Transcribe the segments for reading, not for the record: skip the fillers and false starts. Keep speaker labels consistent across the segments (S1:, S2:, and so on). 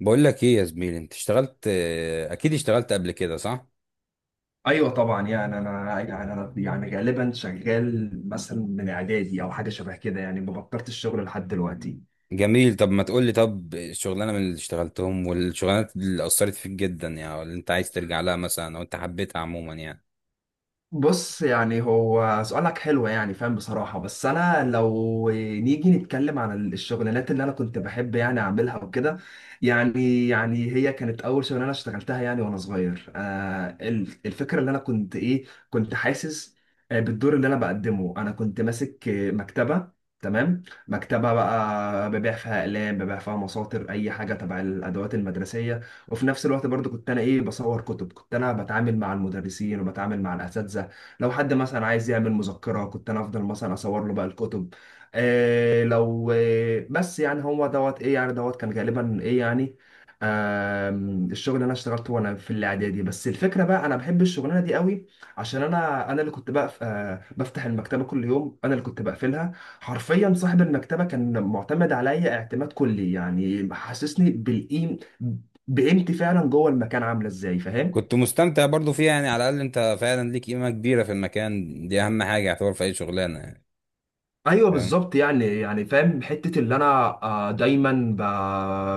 S1: بقول لك ايه يا زميلي، انت اشتغلت اكيد اشتغلت قبل كده، صح؟
S2: ايوه، طبعا يعني انا يعني انا يعني غالبا شغال مثلا من اعدادي او حاجه شبه كده، يعني ما بطلت الشغل لحد دلوقتي.
S1: جميل. طب ما تقول لي، طب الشغلانه من اللي اشتغلتهم، والشغلانات اللي اثرت فيك جدا يعني، اللي انت عايز ترجع لها مثلا او انت حبيتها عموما يعني.
S2: بص، يعني هو سؤالك حلو، يعني فاهم بصراحة، بس أنا لو نيجي نتكلم عن الشغلانات اللي أنا كنت بحب يعني أعملها وكده. يعني هي كانت أول شغلانة اشتغلتها، يعني وأنا صغير، الفكرة اللي أنا كنت حاسس بالدور اللي أنا بقدمه. أنا كنت ماسك مكتبة، تمام، مكتبة بقى ببيع فيها أقلام، ببيع فيها مساطر، أي حاجة تبع الأدوات المدرسية. وفي نفس الوقت برضو كنت أنا بصور كتب، كنت أنا بتعامل مع المدرسين وبتعامل مع الأساتذة. لو حد مثلا عايز يعمل مذكرة كنت انا افضل مثلا اصور له بقى الكتب. لو بس يعني هو دوت ايه، يعني دوت كان غالبا ايه يعني. الشغل اللي انا اشتغلته وانا في الاعدادي، بس الفكره بقى انا بحب الشغلانه دي قوي عشان انا اللي كنت بقى بفتح المكتبه كل يوم، انا اللي كنت بقفلها. حرفيا صاحب المكتبه كان معتمد عليا اعتماد كلي، يعني حسسني بالقيم، بقيمتي فعلا جوه المكان. عامله ازاي فاهم؟
S1: كنت مستمتع برضو فيها يعني، على الاقل انت فعلا ليك قيمه كبيره في المكان. دي اهم حاجه يعتبر في اي شغلانه يعني،
S2: ايوه
S1: فاهم؟
S2: بالظبط، يعني يعني فاهم حته اللي انا دايما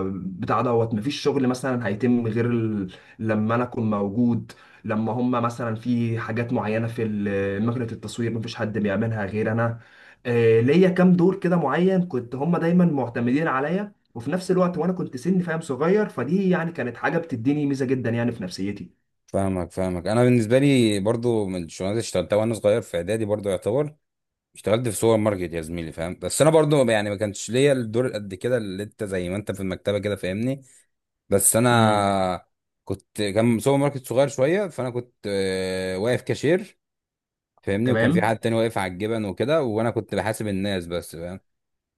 S2: بتاع دوت مفيش شغل مثلا هيتم غير ال... لما انا اكون موجود. لما هم مثلا في حاجات معينه في مكنه التصوير مفيش حد بيعملها غير انا. ليا كام دور كده معين، كنت هم دايما معتمدين عليا، وفي نفس الوقت وانا كنت سن فاهم صغير، فدي يعني كانت حاجه بتديني ميزه جدا يعني في نفسيتي.
S1: فاهمك، انا بالنسبه لي برضو من الشغلانات اللي اشتغلتها وانا صغير في اعدادي برضو، يعتبر اشتغلت في سوبر ماركت يا زميلي، فاهم؟ بس انا برضو يعني ما كانش ليا الدور قد كده اللي انت، زي ما انت في المكتبه كده، فاهمني؟ بس
S2: امم.
S1: انا كان سوبر ماركت صغير شويه، فانا كنت واقف كاشير، فاهمني. وكان في
S2: تمام.
S1: حد تاني واقف على الجبن وكده، وانا كنت بحاسب الناس بس، فاهم؟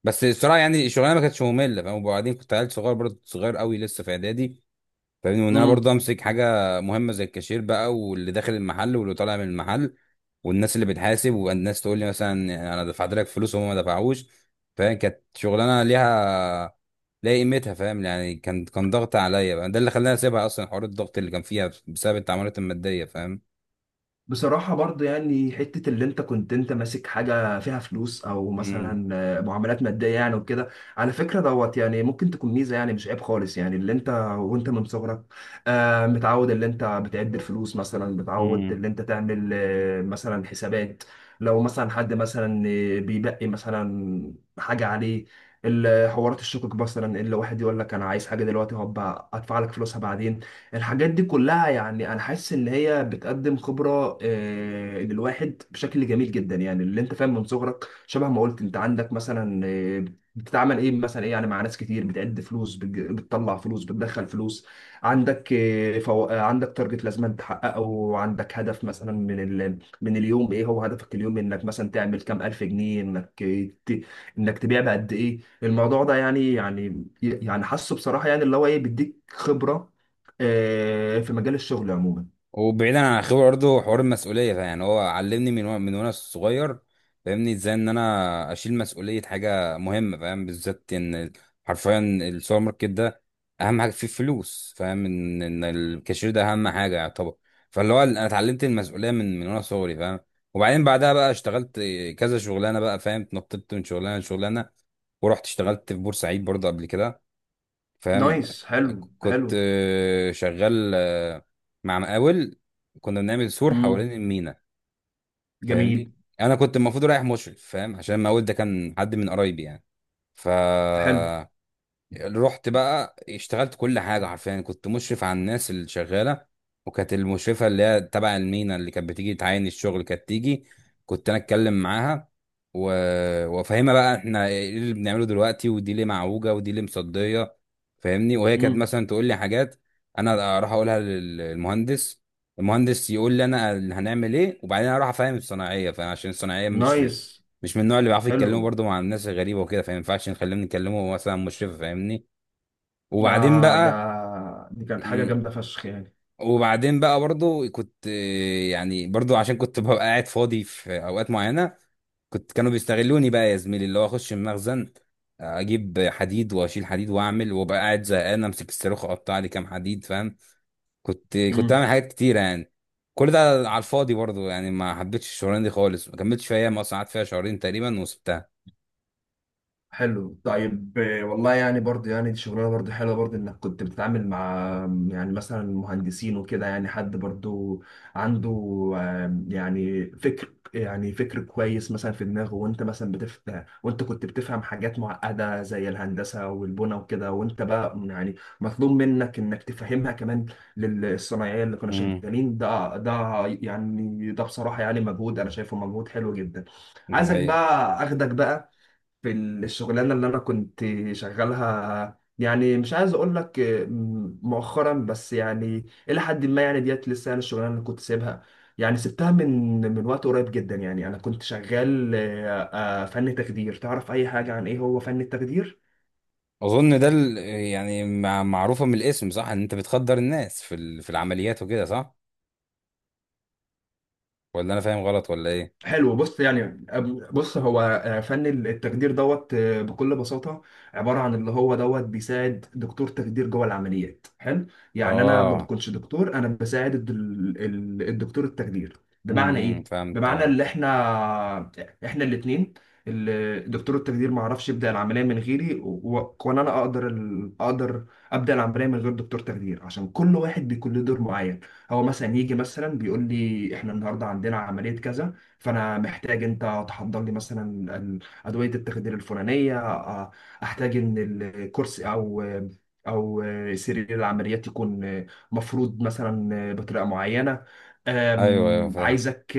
S1: بس الصراحه يعني الشغلانه ما كانتش ممله، فاهم؟ وبعدين كنت عيل صغير برضه، صغير قوي لسه في اعدادي، فاهمني؟ وان انا برضه امسك حاجه مهمه زي الكاشير بقى، واللي داخل المحل واللي طالع من المحل، والناس اللي بتحاسب، والناس تقول لي مثلا انا دفعت لك فلوس وهم ما دفعوش، فاهم؟ كانت شغلانه ليها قيمتها، فاهم يعني؟ كان ضغط عليا بقى، ده اللي خلاني اسيبها اصلا، حوار الضغط اللي كان فيها بسبب التعاملات الماديه، فاهم؟
S2: بصراحة برضه يعني حتة اللي انت كنت انت ماسك حاجة فيها فلوس او مثلا معاملات مادية يعني وكده، على فكرة دوت يعني ممكن تكون ميزة، يعني مش عيب خالص يعني اللي انت وانت من صغرك متعود اللي انت بتعد الفلوس، مثلا متعود
S1: امم.
S2: اللي انت تعمل مثلا حسابات. لو مثلا حد مثلا بيبقي مثلا حاجة عليه، حوارات الشقق مثلا، اللي واحد يقول لك انا عايز حاجة دلوقتي هبقى ادفع لك فلوسها بعدين. الحاجات دي كلها يعني انا حاسس ان هي بتقدم خبره للواحد بشكل جميل جدا، يعني اللي انت فاهم من صغرك شبه ما قلت انت عندك مثلا بتتعامل ايه مثلا ايه، يعني مع ناس كتير، بتعد فلوس، بتطلع فلوس، بتدخل فلوس. عندك آه، فو... آه، عندك تارجت لازم تحققه، وعندك هدف مثلا من من اليوم ايه هو هدفك اليوم، انك مثلا تعمل كام الف جنيه، انك تبيع بقد ايه. الموضوع ده يعني يعني حاسه بصراحه، يعني اللي هو ايه بيديك خبره في مجال الشغل عموما.
S1: وبعيدا عن الخبره برضه، حوار المسؤوليه ده يعني هو علمني من وانا صغير، فاهمني، ازاي ان انا اشيل مسؤوليه حاجه مهمه، فاهم؟ بالذات ان حرفيا السوبر ماركت ده اهم حاجه فيه فلوس، فاهم؟ ان الكاشير ده اهم حاجه يعتبر. فاللي هو انا اتعلمت المسؤوليه من وانا صغري، فاهم؟ وبعدين بعدها بقى اشتغلت كذا شغلانه بقى، فاهم؟ اتنططت من شغلانه لشغلانه، ورحت اشتغلت في بورسعيد برضه قبل كده، فاهم؟
S2: نايس، حلو حلو.
S1: كنت شغال مع مقاول. كنا بنعمل سور
S2: امم.
S1: حوالين المينا،
S2: جميل.
S1: فاهمني. انا كنت المفروض رايح مشرف، فاهم؟ عشان المقاول ده كان حد من قرايبي يعني. ف
S2: حلو.
S1: رحت بقى اشتغلت كل حاجة، حرفيا كنت مشرف على الناس اللي شغالة. وكانت المشرفة اللي هي تبع المينا اللي كانت بتيجي تعاين الشغل كانت تيجي، كنت أنا أتكلم معاها و... وأفهمها بقى إحنا إيه اللي بنعمله دلوقتي، ودي ليه معوجة، ودي ليه مصدية، فاهمني؟ وهي كانت
S2: امم.
S1: مثلا تقول لي حاجات، أنا أروح أقولها للمهندس. المهندس يقول لي أنا اللي هنعمل إيه، وبعدين أروح أفهم الصناعية. فعشان الصناعية مش
S2: نايس.
S1: مش من النوع اللي بيعرفوا يتكلموا
S2: حلو.
S1: برضه مع الناس الغريبة وكده، فما ينفعش نخليهم يتكلموا مثلا مشرف، فاهمني.
S2: ده
S1: وبعدين
S2: ده
S1: بقى
S2: دي كانت حاجة
S1: مم،
S2: جامدة فشخ يعني.
S1: وبعدين بقى برضو كنت يعني برضو عشان كنت ببقى قاعد فاضي في اوقات معينه، كانوا بيستغلوني بقى يا زميلي، اللي هو اخش المخزن، اجيب حديد واشيل حديد واعمل، وابقى قاعد زهقان امسك الصاروخ اقطع لي كام حديد، فاهم؟ كنت
S2: مم.
S1: بعمل حاجات كتيره يعني، كل ده على الفاضي برضو يعني. ما حبيتش الشغلانه دي خالص، ما كملتش فيها، ما قعدت فيها شهرين تقريبا وسبتها.
S2: حلو، طيب والله يعني برضه يعني دي شغلانه برضه حلوه، برضه انك كنت بتتعامل مع يعني مثلا مهندسين وكده، يعني حد برضه عنده يعني فكر، يعني فكر كويس مثلا في دماغه، وانت مثلا بتفهم، وانت كنت بتفهم حاجات معقده زي الهندسه والبنى وكده، وانت بقى يعني مطلوب منك انك تفهمها كمان للصنايعيه اللي كانوا
S1: امم.
S2: شغالين. ده ده يعني ده بصراحه يعني مجهود، انا شايفه مجهود حلو جدا.
S1: ده
S2: عايزك
S1: حقيقة.
S2: بقى اخدك بقى في الشغلانه اللي انا كنت شغالها، يعني مش عايز اقول لك مؤخرا بس يعني الى حد ما، يعني ديت لسه، يعني الشغلانه اللي كنت سيبها، يعني سبتها من وقت قريب جدا، يعني انا كنت شغال فن تخدير. تعرف اي حاجه عن ايه هو فن التخدير؟
S1: اظن ده يعني معروفة من الاسم، صح؟ ان انت بتخدر الناس في العمليات وكده، صح؟ ولا انا فاهم غلط ولا ايه؟
S2: حلو. بص، يعني بص هو فن التخدير دوت بكل بساطة عبارة عن اللي هو دوت بيساعد دكتور تخدير جوه العمليات. حلو، يعني أنا ما
S1: اه.
S2: بكونش دكتور، أنا بساعد الدكتور التخدير. بمعنى
S1: امم. إمم.
S2: إيه؟
S1: فهمت،
S2: بمعنى
S1: اه.
S2: اللي إحنا الاتنين، دكتور التخدير ما عرفش يبدأ العملية من غيري، وأنا أنا أقدر أقدر أبدأ العملية من غير دكتور تخدير، عشان كل واحد بيكون له دور معين. هو مثلا يجي مثلا بيقول لي إحنا النهاردة عندنا عملية كذا، فانا محتاج انت تحضر لي مثلا ادويه التخدير الفلانيه، احتاج ان الكرسي او سرير العمليات يكون مفروض مثلا بطريقه معينه.
S1: ايوه، ايوه،
S2: أم،
S1: فاهم.
S2: عايزك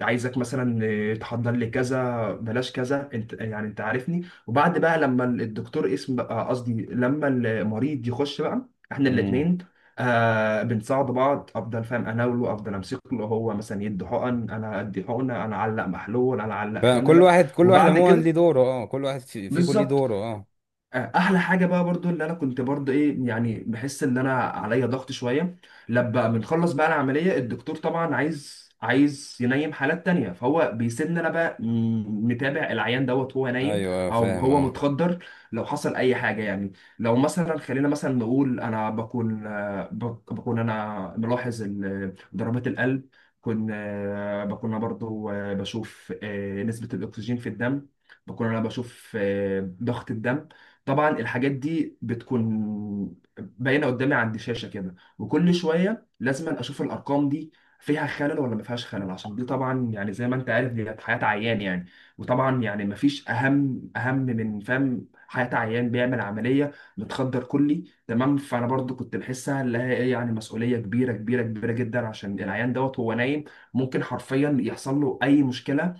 S2: عايزك مثلا تحضر لي كذا، بلاش كذا، انت يعني انت عارفني. وبعد بقى لما الدكتور اسم بقى، قصدي لما المريض يخش بقى، احنا
S1: امم.
S2: الاثنين بنساعد بعض. افضل فاهم اناوله، افضل امسك له، هو مثلا يدي حقن، انا ادي حقنه، انا اعلق محلول، انا اعلق
S1: فاهم، كل
S2: كانولا.
S1: واحد، كل واحد
S2: وبعد
S1: عموما ليه
S2: كده
S1: دوره، اه. كل واحد في كل ليه
S2: بالظبط،
S1: دوره، اه.
S2: احلى حاجه بقى برضو اللي انا كنت برضو ايه يعني بحس ان انا عليا ضغط شويه، لما بنخلص بقى العمليه الدكتور طبعا عايز، عايز ينيم حالات تانية، فهو بيسيبني انا بقى متابع العيان دوت وهو نايم
S1: ايوه، ايوه،
S2: او
S1: فاهم،
S2: هو
S1: اه.
S2: متخدر. لو حصل اي حاجه يعني، لو مثلا خلينا مثلا نقول انا بكون بكون انا ملاحظ ضربات القلب، بكون انا برضو بشوف نسبه الاكسجين في الدم، بكون انا بشوف ضغط الدم. طبعا الحاجات دي بتكون باينه قدامي عند شاشه كده، وكل شويه لازم اشوف الارقام دي فيها خلل ولا ما فيهاش خلل، عشان دي طبعا يعني زي ما انت عارف دي حياه عيان يعني. وطبعا يعني ما فيش اهم من فاهم حياه عيان بيعمل عمليه متخدر كلي. تمام، فانا برضو كنت بحسها اللي هي ايه، يعني مسؤوليه كبيره كبيره كبيره جدا، عشان العيان دوت هو نايم، ممكن حرفيا يحصل له اي مشكله،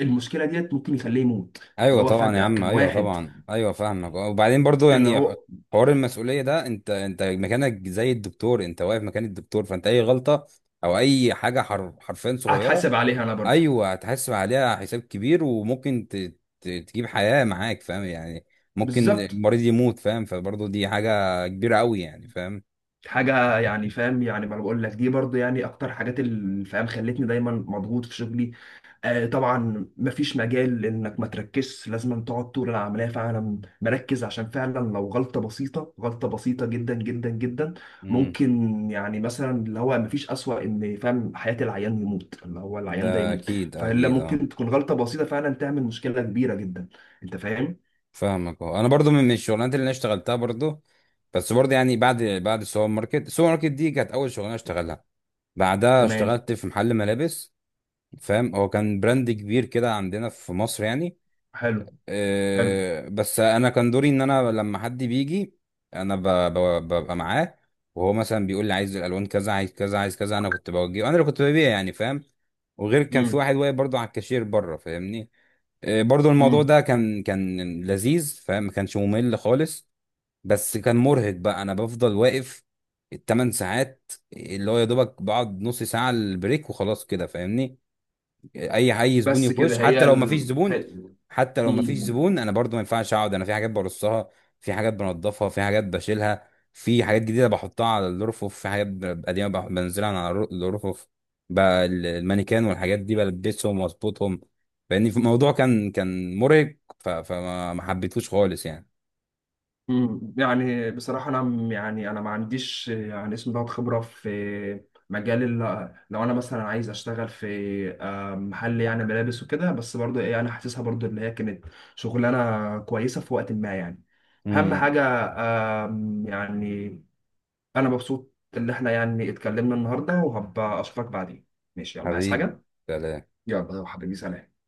S2: المشكله ديت ممكن يخليه يموت.
S1: ايوه
S2: اللي هو
S1: طبعا يا
S2: فجاه
S1: عم،
S2: كان
S1: ايوه
S2: واحد،
S1: طبعا، ايوه فاهمك، اه. وبعدين برضو
S2: اللي
S1: يعني،
S2: هو
S1: حوار المسؤولية ده، انت مكانك زي الدكتور، انت واقف مكان الدكتور. فانت اي غلطة او اي حاجة حرفيا صغيرة،
S2: هتحاسب عليها انا برضو.
S1: ايوه هتحاسب عليها حساب كبير، وممكن تجيب حياه معاك، فاهم يعني؟ ممكن
S2: بالظبط.
S1: المريض يموت، فاهم؟ فبرضه دي حاجه كبيره قوي يعني، فاهم؟
S2: حاجه يعني فاهم، يعني ما أنا بقول لك دي برضو يعني اكتر حاجات اللي فاهم خلتني دايما مضغوط في شغلي. آه طبعا، مفيش مجال انك ما تركزش، لازم تقعد طول العمليه فعلا مركز، عشان فعلا لو غلطه بسيطه، غلطه بسيطه جدا جدا جدا،
S1: امم.
S2: ممكن يعني مثلا اللي هو مفيش اسوأ ان فاهم حياه العيان يموت، اللي هو العيان ده
S1: ده
S2: يموت.
S1: اكيد،
S2: فهلا
S1: اكيد، اه.
S2: ممكن تكون غلطه بسيطه فعلا تعمل مشكله كبيره جدا، انت فاهم.
S1: فاهمك، اه. انا برضه من الشغلانات اللي انا اشتغلتها برضه، بس برضه يعني بعد السوبر ماركت، السوبر ماركت دي كانت اول شغلانه اشتغلها. بعدها
S2: تمام.
S1: اشتغلت في محل ملابس، فاهم. هو كان براند كبير كده عندنا في مصر يعني.
S2: حلو حلو.
S1: بس انا كان دوري ان انا لما حد بيجي انا ببقى معاه، وهو مثلا بيقول لي عايز الالوان كذا، عايز كذا، عايز كذا، انا كنت بوجهه. انا اللي كنت ببيع يعني، فاهم؟ وغير كان في واحد واقف برضه على الكاشير بره، فاهمني. برضه الموضوع
S2: امم.
S1: ده كان لذيذ، فاهم؟ ما كانش ممل خالص. بس كان مرهق بقى، انا بفضل واقف الـ 8 ساعات اللي هو يا دوبك بقعد نص ساعة البريك وخلاص كده، فاهمني. اي زبون
S2: بس كده
S1: يخش، حتى
S2: هي
S1: لو ما فيش
S2: ال...
S1: زبون،
S2: هي...
S1: حتى لو ما فيش
S2: مم.
S1: زبون انا برضو ما ينفعش اقعد، انا في حاجات برصها، في حاجات بنضفها، في حاجات بشيلها، في حاجات جديده بحطها على الرفوف، في حاجات قديمه بنزلها على الرفوف، بقى المانيكان والحاجات دي بلبسهم واظبطهم. فاني في الموضوع كان مرهق، ف- فما ما حبيتهوش خالص يعني.
S2: مم. يعني بصراحة أنا يعني أنا ما عنديش يعني اسم ده خبرة في مجال لو أنا مثلا عايز أشتغل في محل يعني ملابس وكده، بس برضه إيه أنا حاسسها برضه إن هي كانت شغلانة كويسة في وقت ما يعني. أهم
S1: امم.
S2: حاجة، يعني أنا مبسوط إن إحنا يعني اتكلمنا النهاردة، وهبقى أشوفك بعدين. ماشي، يلا، عايز
S1: حبيبي،
S2: حاجة؟
S1: سلام.
S2: يلا يا حبيبي، سلام.